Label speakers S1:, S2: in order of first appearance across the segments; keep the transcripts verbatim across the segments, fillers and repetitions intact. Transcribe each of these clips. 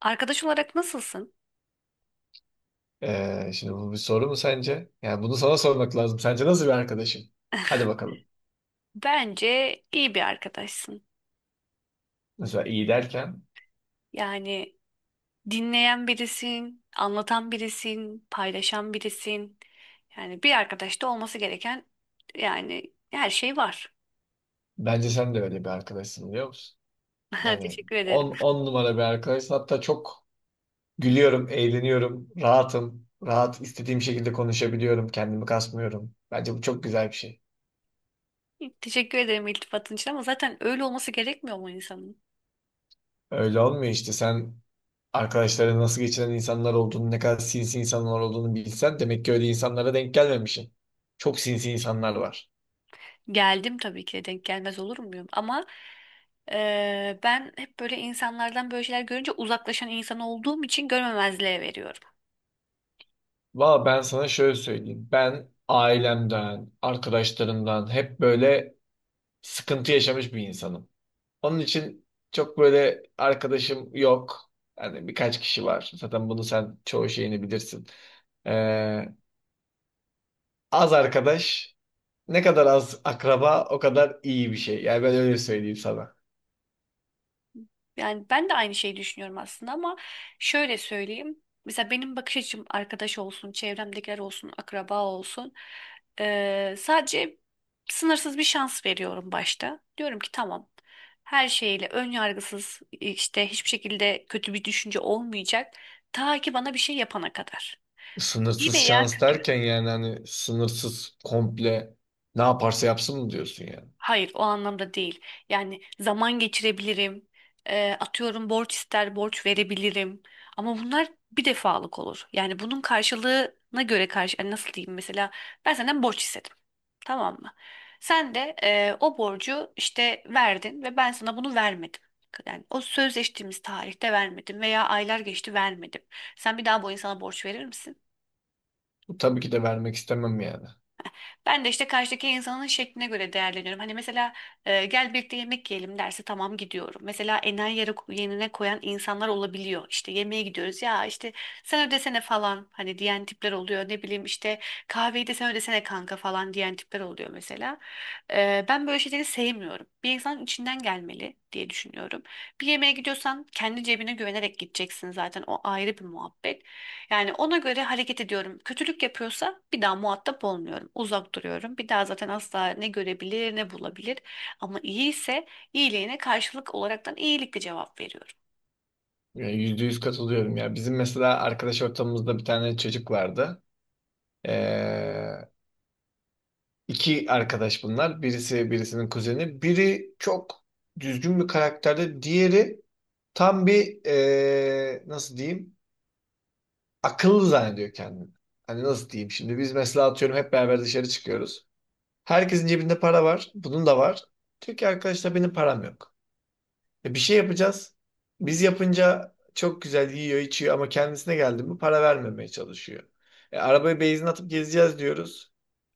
S1: Arkadaş olarak nasılsın?
S2: Ee, şimdi bu bir soru mu sence? Yani bunu sana sormak lazım. Sence nasıl bir arkadaşım? Hadi bakalım.
S1: Bence iyi bir arkadaşsın.
S2: Mesela iyi derken
S1: Yani dinleyen birisin, anlatan birisin, paylaşan birisin. Yani bir arkadaşta olması gereken yani her şey var.
S2: bence sen de öyle bir arkadaşsın biliyor musun? Yani
S1: Teşekkür ederim.
S2: on on numara bir arkadaşsın. Hatta çok gülüyorum, eğleniyorum, rahatım. Rahat istediğim şekilde konuşabiliyorum, kendimi kasmıyorum. Bence bu çok güzel bir şey.
S1: Teşekkür ederim iltifatın için ama zaten öyle olması gerekmiyor mu insanın?
S2: Öyle olmuyor işte. Sen Arkadaşların nasıl geçinen insanlar olduğunu, ne kadar sinsi insanlar olduğunu bilsen demek ki öyle insanlara denk gelmemişsin. Çok sinsi insanlar var.
S1: Geldim tabii ki de denk gelmez olur muyum? Ama eee, ben hep böyle insanlardan böyle şeyler görünce uzaklaşan insan olduğum için görmemezliğe veriyorum.
S2: Valla ben sana şöyle söyleyeyim. Ben ailemden, arkadaşlarımdan hep böyle sıkıntı yaşamış bir insanım. Onun için çok böyle arkadaşım yok. Yani birkaç kişi var. Zaten bunu sen çoğu şeyini bilirsin. Ee, Az arkadaş, ne kadar az akraba o kadar iyi bir şey. Yani ben öyle söyleyeyim sana.
S1: Yani ben de aynı şeyi düşünüyorum aslında ama şöyle söyleyeyim. Mesela benim bakış açım arkadaş olsun, çevremdekiler olsun, akraba olsun. Eee, sadece sınırsız bir şans veriyorum başta. Diyorum ki tamam. Her şeyle ön yargısız işte hiçbir şekilde kötü bir düşünce olmayacak. Ta ki bana bir şey yapana kadar. İyi
S2: Sınırsız
S1: veya
S2: şans
S1: kötü.
S2: derken yani hani sınırsız komple ne yaparsa yapsın mı diyorsun yani?
S1: Hayır, o anlamda değil. Yani zaman geçirebilirim. E, atıyorum borç ister borç verebilirim. Ama bunlar bir defalık olur. Yani bunun karşılığına göre karşı yani nasıl diyeyim mesela ben senden borç istedim. Tamam mı? Sen de e, o borcu işte verdin ve ben sana bunu vermedim. Yani o sözleştiğimiz tarihte vermedim veya aylar geçti vermedim. Sen bir daha bu insana borç verir misin?
S2: Bu tabii ki de vermek istemem yani.
S1: Ben de işte karşıdaki insanın şekline göre değerleniyorum. Hani mesela e, gel birlikte yemek yiyelim derse tamam gidiyorum. Mesela enayi yere, yerine koyan insanlar olabiliyor. İşte yemeğe gidiyoruz ya işte sen ödesene falan hani diyen tipler oluyor. Ne bileyim işte kahveyi de sen ödesene kanka falan diyen tipler oluyor mesela. E, ben böyle şeyleri sevmiyorum. Bir insanın içinden gelmeli diye düşünüyorum. Bir yemeğe gidiyorsan kendi cebine güvenerek gideceksin zaten o ayrı bir muhabbet. Yani ona göre hareket ediyorum. Kötülük yapıyorsa bir daha muhatap olmuyorum. Uzak duruyorum. Bir daha zaten asla ne görebilir ne bulabilir. Ama iyi ise iyiliğine karşılık olaraktan iyilikle cevap veriyorum.
S2: Ya, yüzde yüz katılıyorum ya. Bizim mesela arkadaş ortamımızda bir tane çocuk vardı. Ee, iki arkadaş bunlar. Birisi birisinin kuzeni. Biri çok düzgün bir karakterde. Diğeri tam bir ee, nasıl diyeyim akıllı zannediyor kendini. Hani nasıl diyeyim şimdi biz mesela atıyorum hep beraber dışarı çıkıyoruz. Herkesin cebinde para var. Bunun da var. Diyor ki arkadaşlar benim param yok. E, bir şey yapacağız. Biz yapınca çok güzel yiyor, içiyor ama kendisine geldi mi para vermemeye çalışıyor. E, arabaya benzin atıp gezeceğiz diyoruz.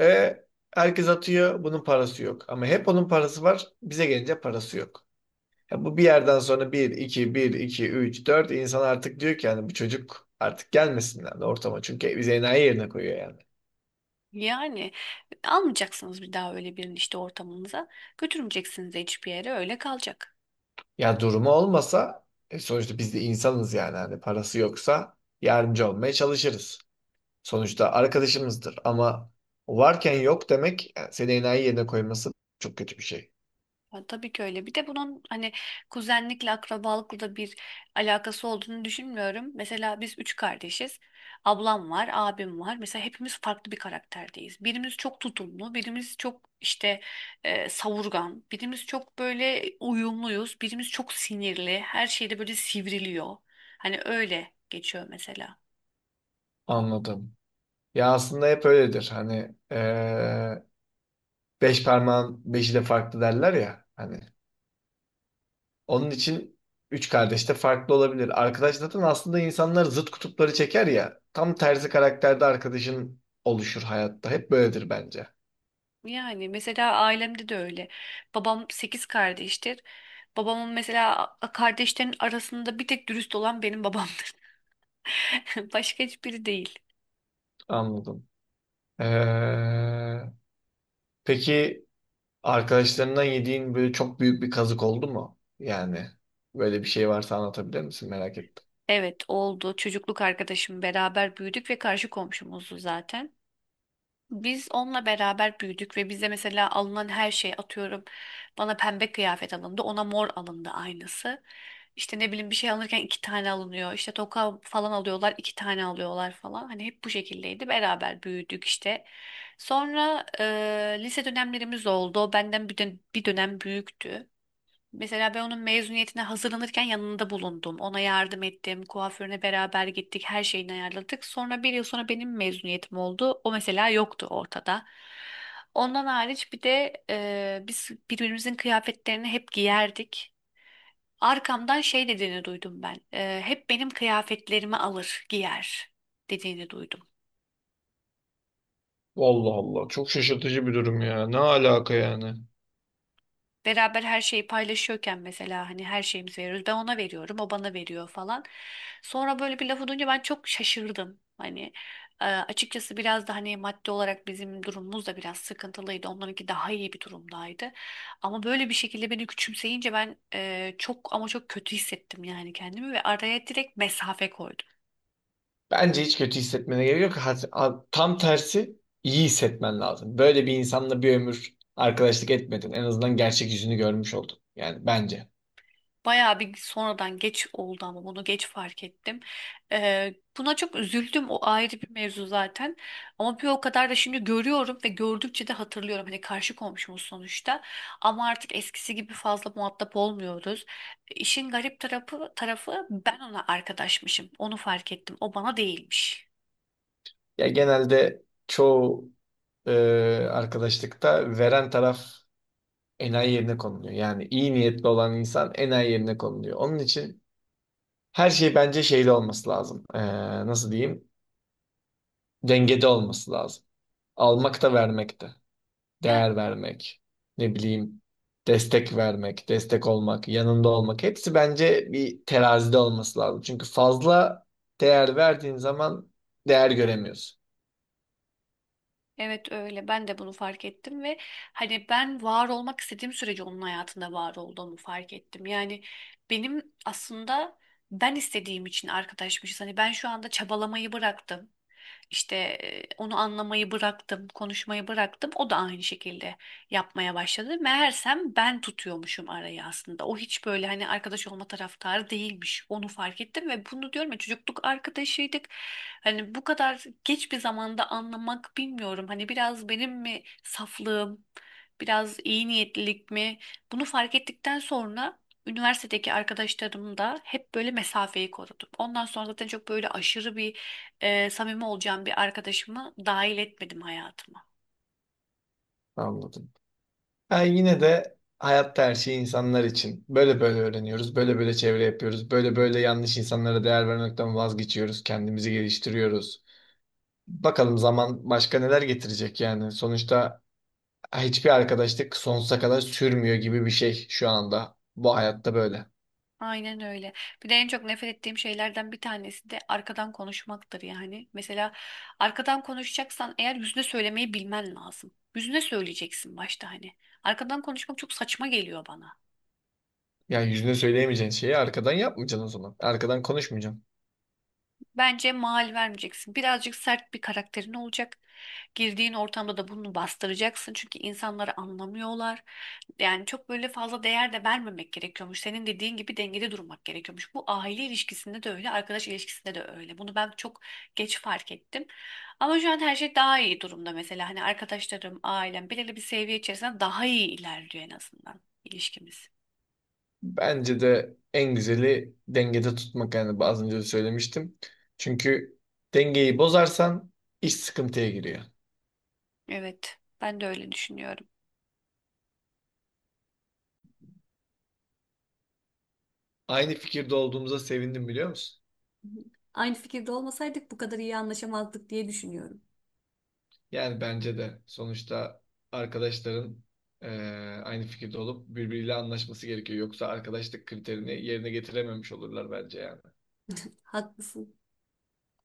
S2: E, Herkes atıyor, bunun parası yok. Ama hep onun parası var, bize gelince parası yok. Ya bu bir yerden sonra bir, iki, bir, iki, üç, dört insan artık diyor ki yani bu çocuk artık gelmesin yani ortama. Çünkü bizi enayi yerine koyuyor yani.
S1: Yani almayacaksınız bir daha öyle birini işte ortamınıza. Götürmeyeceksiniz de hiçbir yere öyle kalacak.
S2: Ya durumu olmasa e, sonuçta biz de insanız yani. Hani parası yoksa yardımcı olmaya çalışırız. Sonuçta arkadaşımızdır ama varken yok demek yani seni enayi yerine koyması çok kötü bir şey.
S1: Ya tabii ki öyle. Bir de bunun hani kuzenlikle, akrabalıkla da bir alakası olduğunu düşünmüyorum. Mesela biz üç kardeşiz. Ablam var, abim var. Mesela hepimiz farklı bir karakterdeyiz. Birimiz çok tutumlu, birimiz çok işte e, savurgan, birimiz çok böyle uyumluyuz, birimiz çok sinirli. Her şeyde böyle sivriliyor. Hani öyle geçiyor mesela.
S2: Anladım. Ya aslında hep öyledir. Hani eee, beş parmağın beşi de farklı derler ya. Hani onun için üç kardeş de farklı olabilir. Arkadaş zaten aslında insanlar zıt kutupları çeker ya. Tam tersi karakterde arkadaşın oluşur hayatta. Hep böyledir bence.
S1: Yani mesela ailemde de öyle. Babam sekiz kardeştir. Babamın mesela a- kardeşlerin arasında bir tek dürüst olan benim babamdır. Başka hiçbiri değil.
S2: Anladım. Eee, peki arkadaşlarından yediğin böyle çok büyük bir kazık oldu mu? Yani böyle bir şey varsa anlatabilir misin? Merak ettim.
S1: Evet oldu. Çocukluk arkadaşım beraber büyüdük ve karşı komşumuzdu zaten. Biz onunla beraber büyüdük ve bize mesela alınan her şey atıyorum. Bana pembe kıyafet alındı, ona mor alındı aynısı. İşte ne bileyim bir şey alırken iki tane alınıyor. İşte toka falan alıyorlar, iki tane alıyorlar falan. Hani hep bu şekildeydi. Beraber büyüdük işte. Sonra e, lise dönemlerimiz oldu. O benden bir, dön- bir dönem büyüktü. Mesela ben onun mezuniyetine hazırlanırken yanında bulundum. Ona yardım ettim. Kuaförüne beraber gittik. Her şeyini ayarladık. Sonra bir yıl sonra benim mezuniyetim oldu. O mesela yoktu ortada. Ondan hariç bir de e, biz birbirimizin kıyafetlerini hep giyerdik. Arkamdan şey dediğini duydum ben. E, hep benim kıyafetlerimi alır, giyer dediğini duydum.
S2: Allah Allah. Çok şaşırtıcı bir durum ya. Ne alaka yani?
S1: Beraber her şeyi paylaşıyorken mesela hani her şeyimizi veriyoruz. Ben ona veriyorum, o bana veriyor falan. Sonra böyle bir lafı duyunca ben çok şaşırdım. Hani e, açıkçası biraz da hani maddi olarak bizim durumumuz da biraz sıkıntılıydı. Onlarınki daha iyi bir durumdaydı. Ama böyle bir şekilde beni küçümseyince ben e, çok ama çok kötü hissettim yani kendimi ve araya direkt mesafe koydum.
S2: Bence hiç kötü hissetmene gerek yok. Ha- ha- Tam tersi iyi hissetmen lazım. Böyle bir insanla bir ömür arkadaşlık etmedin. En azından gerçek yüzünü görmüş oldun. Yani bence.
S1: Bayağı bir sonradan geç oldu ama bunu geç fark ettim. Ee, buna çok üzüldüm. O ayrı bir mevzu zaten. Ama bir o kadar da şimdi görüyorum ve gördükçe de hatırlıyorum. Hani karşı komşumuz sonuçta. Ama artık eskisi gibi fazla muhatap olmuyoruz. İşin garip tarafı, tarafı ben ona arkadaşmışım. Onu fark ettim. O bana değilmiş.
S2: Ya genelde çoğu e, arkadaşlıkta veren taraf enayi yerine konuluyor. Yani iyi niyetli olan insan enayi yerine konuluyor. Onun için her şey bence şeyde olması lazım. Ee, nasıl diyeyim? Dengede olması lazım. Almak da vermek de.
S1: Yani
S2: Değer vermek. Ne bileyim. Destek vermek, destek olmak, yanında olmak. Hepsi bence bir terazide olması lazım. Çünkü fazla değer verdiğin zaman değer göremiyorsun.
S1: evet öyle. Ben de bunu fark ettim ve hani ben var olmak istediğim sürece onun hayatında var olduğumu fark ettim. Yani benim aslında ben istediğim için arkadaşmışız. Hani ben şu anda çabalamayı bıraktım. İşte e, onu anlamayı bıraktım, konuşmayı bıraktım. O da aynı şekilde yapmaya başladı. Meğersem ben tutuyormuşum arayı aslında. O hiç böyle hani arkadaş olma taraftarı değilmiş. Onu fark ettim ve bunu diyorum ya çocukluk arkadaşıydık. Hani bu kadar geç bir zamanda anlamak bilmiyorum. Hani biraz benim mi saflığım, biraz iyi niyetlilik mi? Bunu fark ettikten sonra üniversitedeki arkadaşlarım da hep böyle mesafeyi korudum. Ondan sonra zaten çok böyle aşırı bir e, samimi olacağım bir arkadaşımı dahil etmedim hayatıma.
S2: Anladım. Ben yine de hayatta her şey insanlar için. Böyle böyle öğreniyoruz, böyle böyle çevre yapıyoruz, böyle böyle yanlış insanlara değer vermekten vazgeçiyoruz, kendimizi geliştiriyoruz. Bakalım zaman başka neler getirecek yani. Sonuçta hiçbir arkadaşlık sonsuza kadar sürmüyor gibi bir şey şu anda. Bu hayatta böyle.
S1: Aynen öyle. Bir de en çok nefret ettiğim şeylerden bir tanesi de arkadan konuşmaktır yani. Mesela arkadan konuşacaksan eğer yüzüne söylemeyi bilmen lazım. Yüzüne söyleyeceksin başta hani. Arkadan konuşmak çok saçma geliyor bana.
S2: Yani yüzüne söyleyemeyeceğin şeyi arkadan yapmayacaksın o zaman. Arkadan konuşmayacaksın.
S1: Bence mal vermeyeceksin. Birazcık sert bir karakterin olacak. Girdiğin ortamda da bunu bastıracaksın. Çünkü insanları anlamıyorlar. Yani çok böyle fazla değer de vermemek gerekiyormuş. Senin dediğin gibi dengede durmak gerekiyormuş. Bu aile ilişkisinde de öyle, arkadaş ilişkisinde de öyle. Bunu ben çok geç fark ettim. Ama şu an her şey daha iyi durumda mesela. Hani arkadaşlarım, ailem belirli bir seviye içerisinde daha iyi ilerliyor en azından ilişkimiz.
S2: Bence de en güzeli dengede tutmak yani az önce de söylemiştim. Çünkü dengeyi bozarsan iş sıkıntıya giriyor.
S1: Evet, ben de öyle düşünüyorum.
S2: Aynı fikirde olduğumuza sevindim biliyor musun?
S1: Aynı fikirde olmasaydık bu kadar iyi anlaşamazdık diye düşünüyorum.
S2: Yani bence de sonuçta arkadaşların eee, aynı fikirde olup birbiriyle anlaşması gerekiyor. Yoksa arkadaşlık kriterini yerine getirememiş olurlar bence yani.
S1: Haklısın.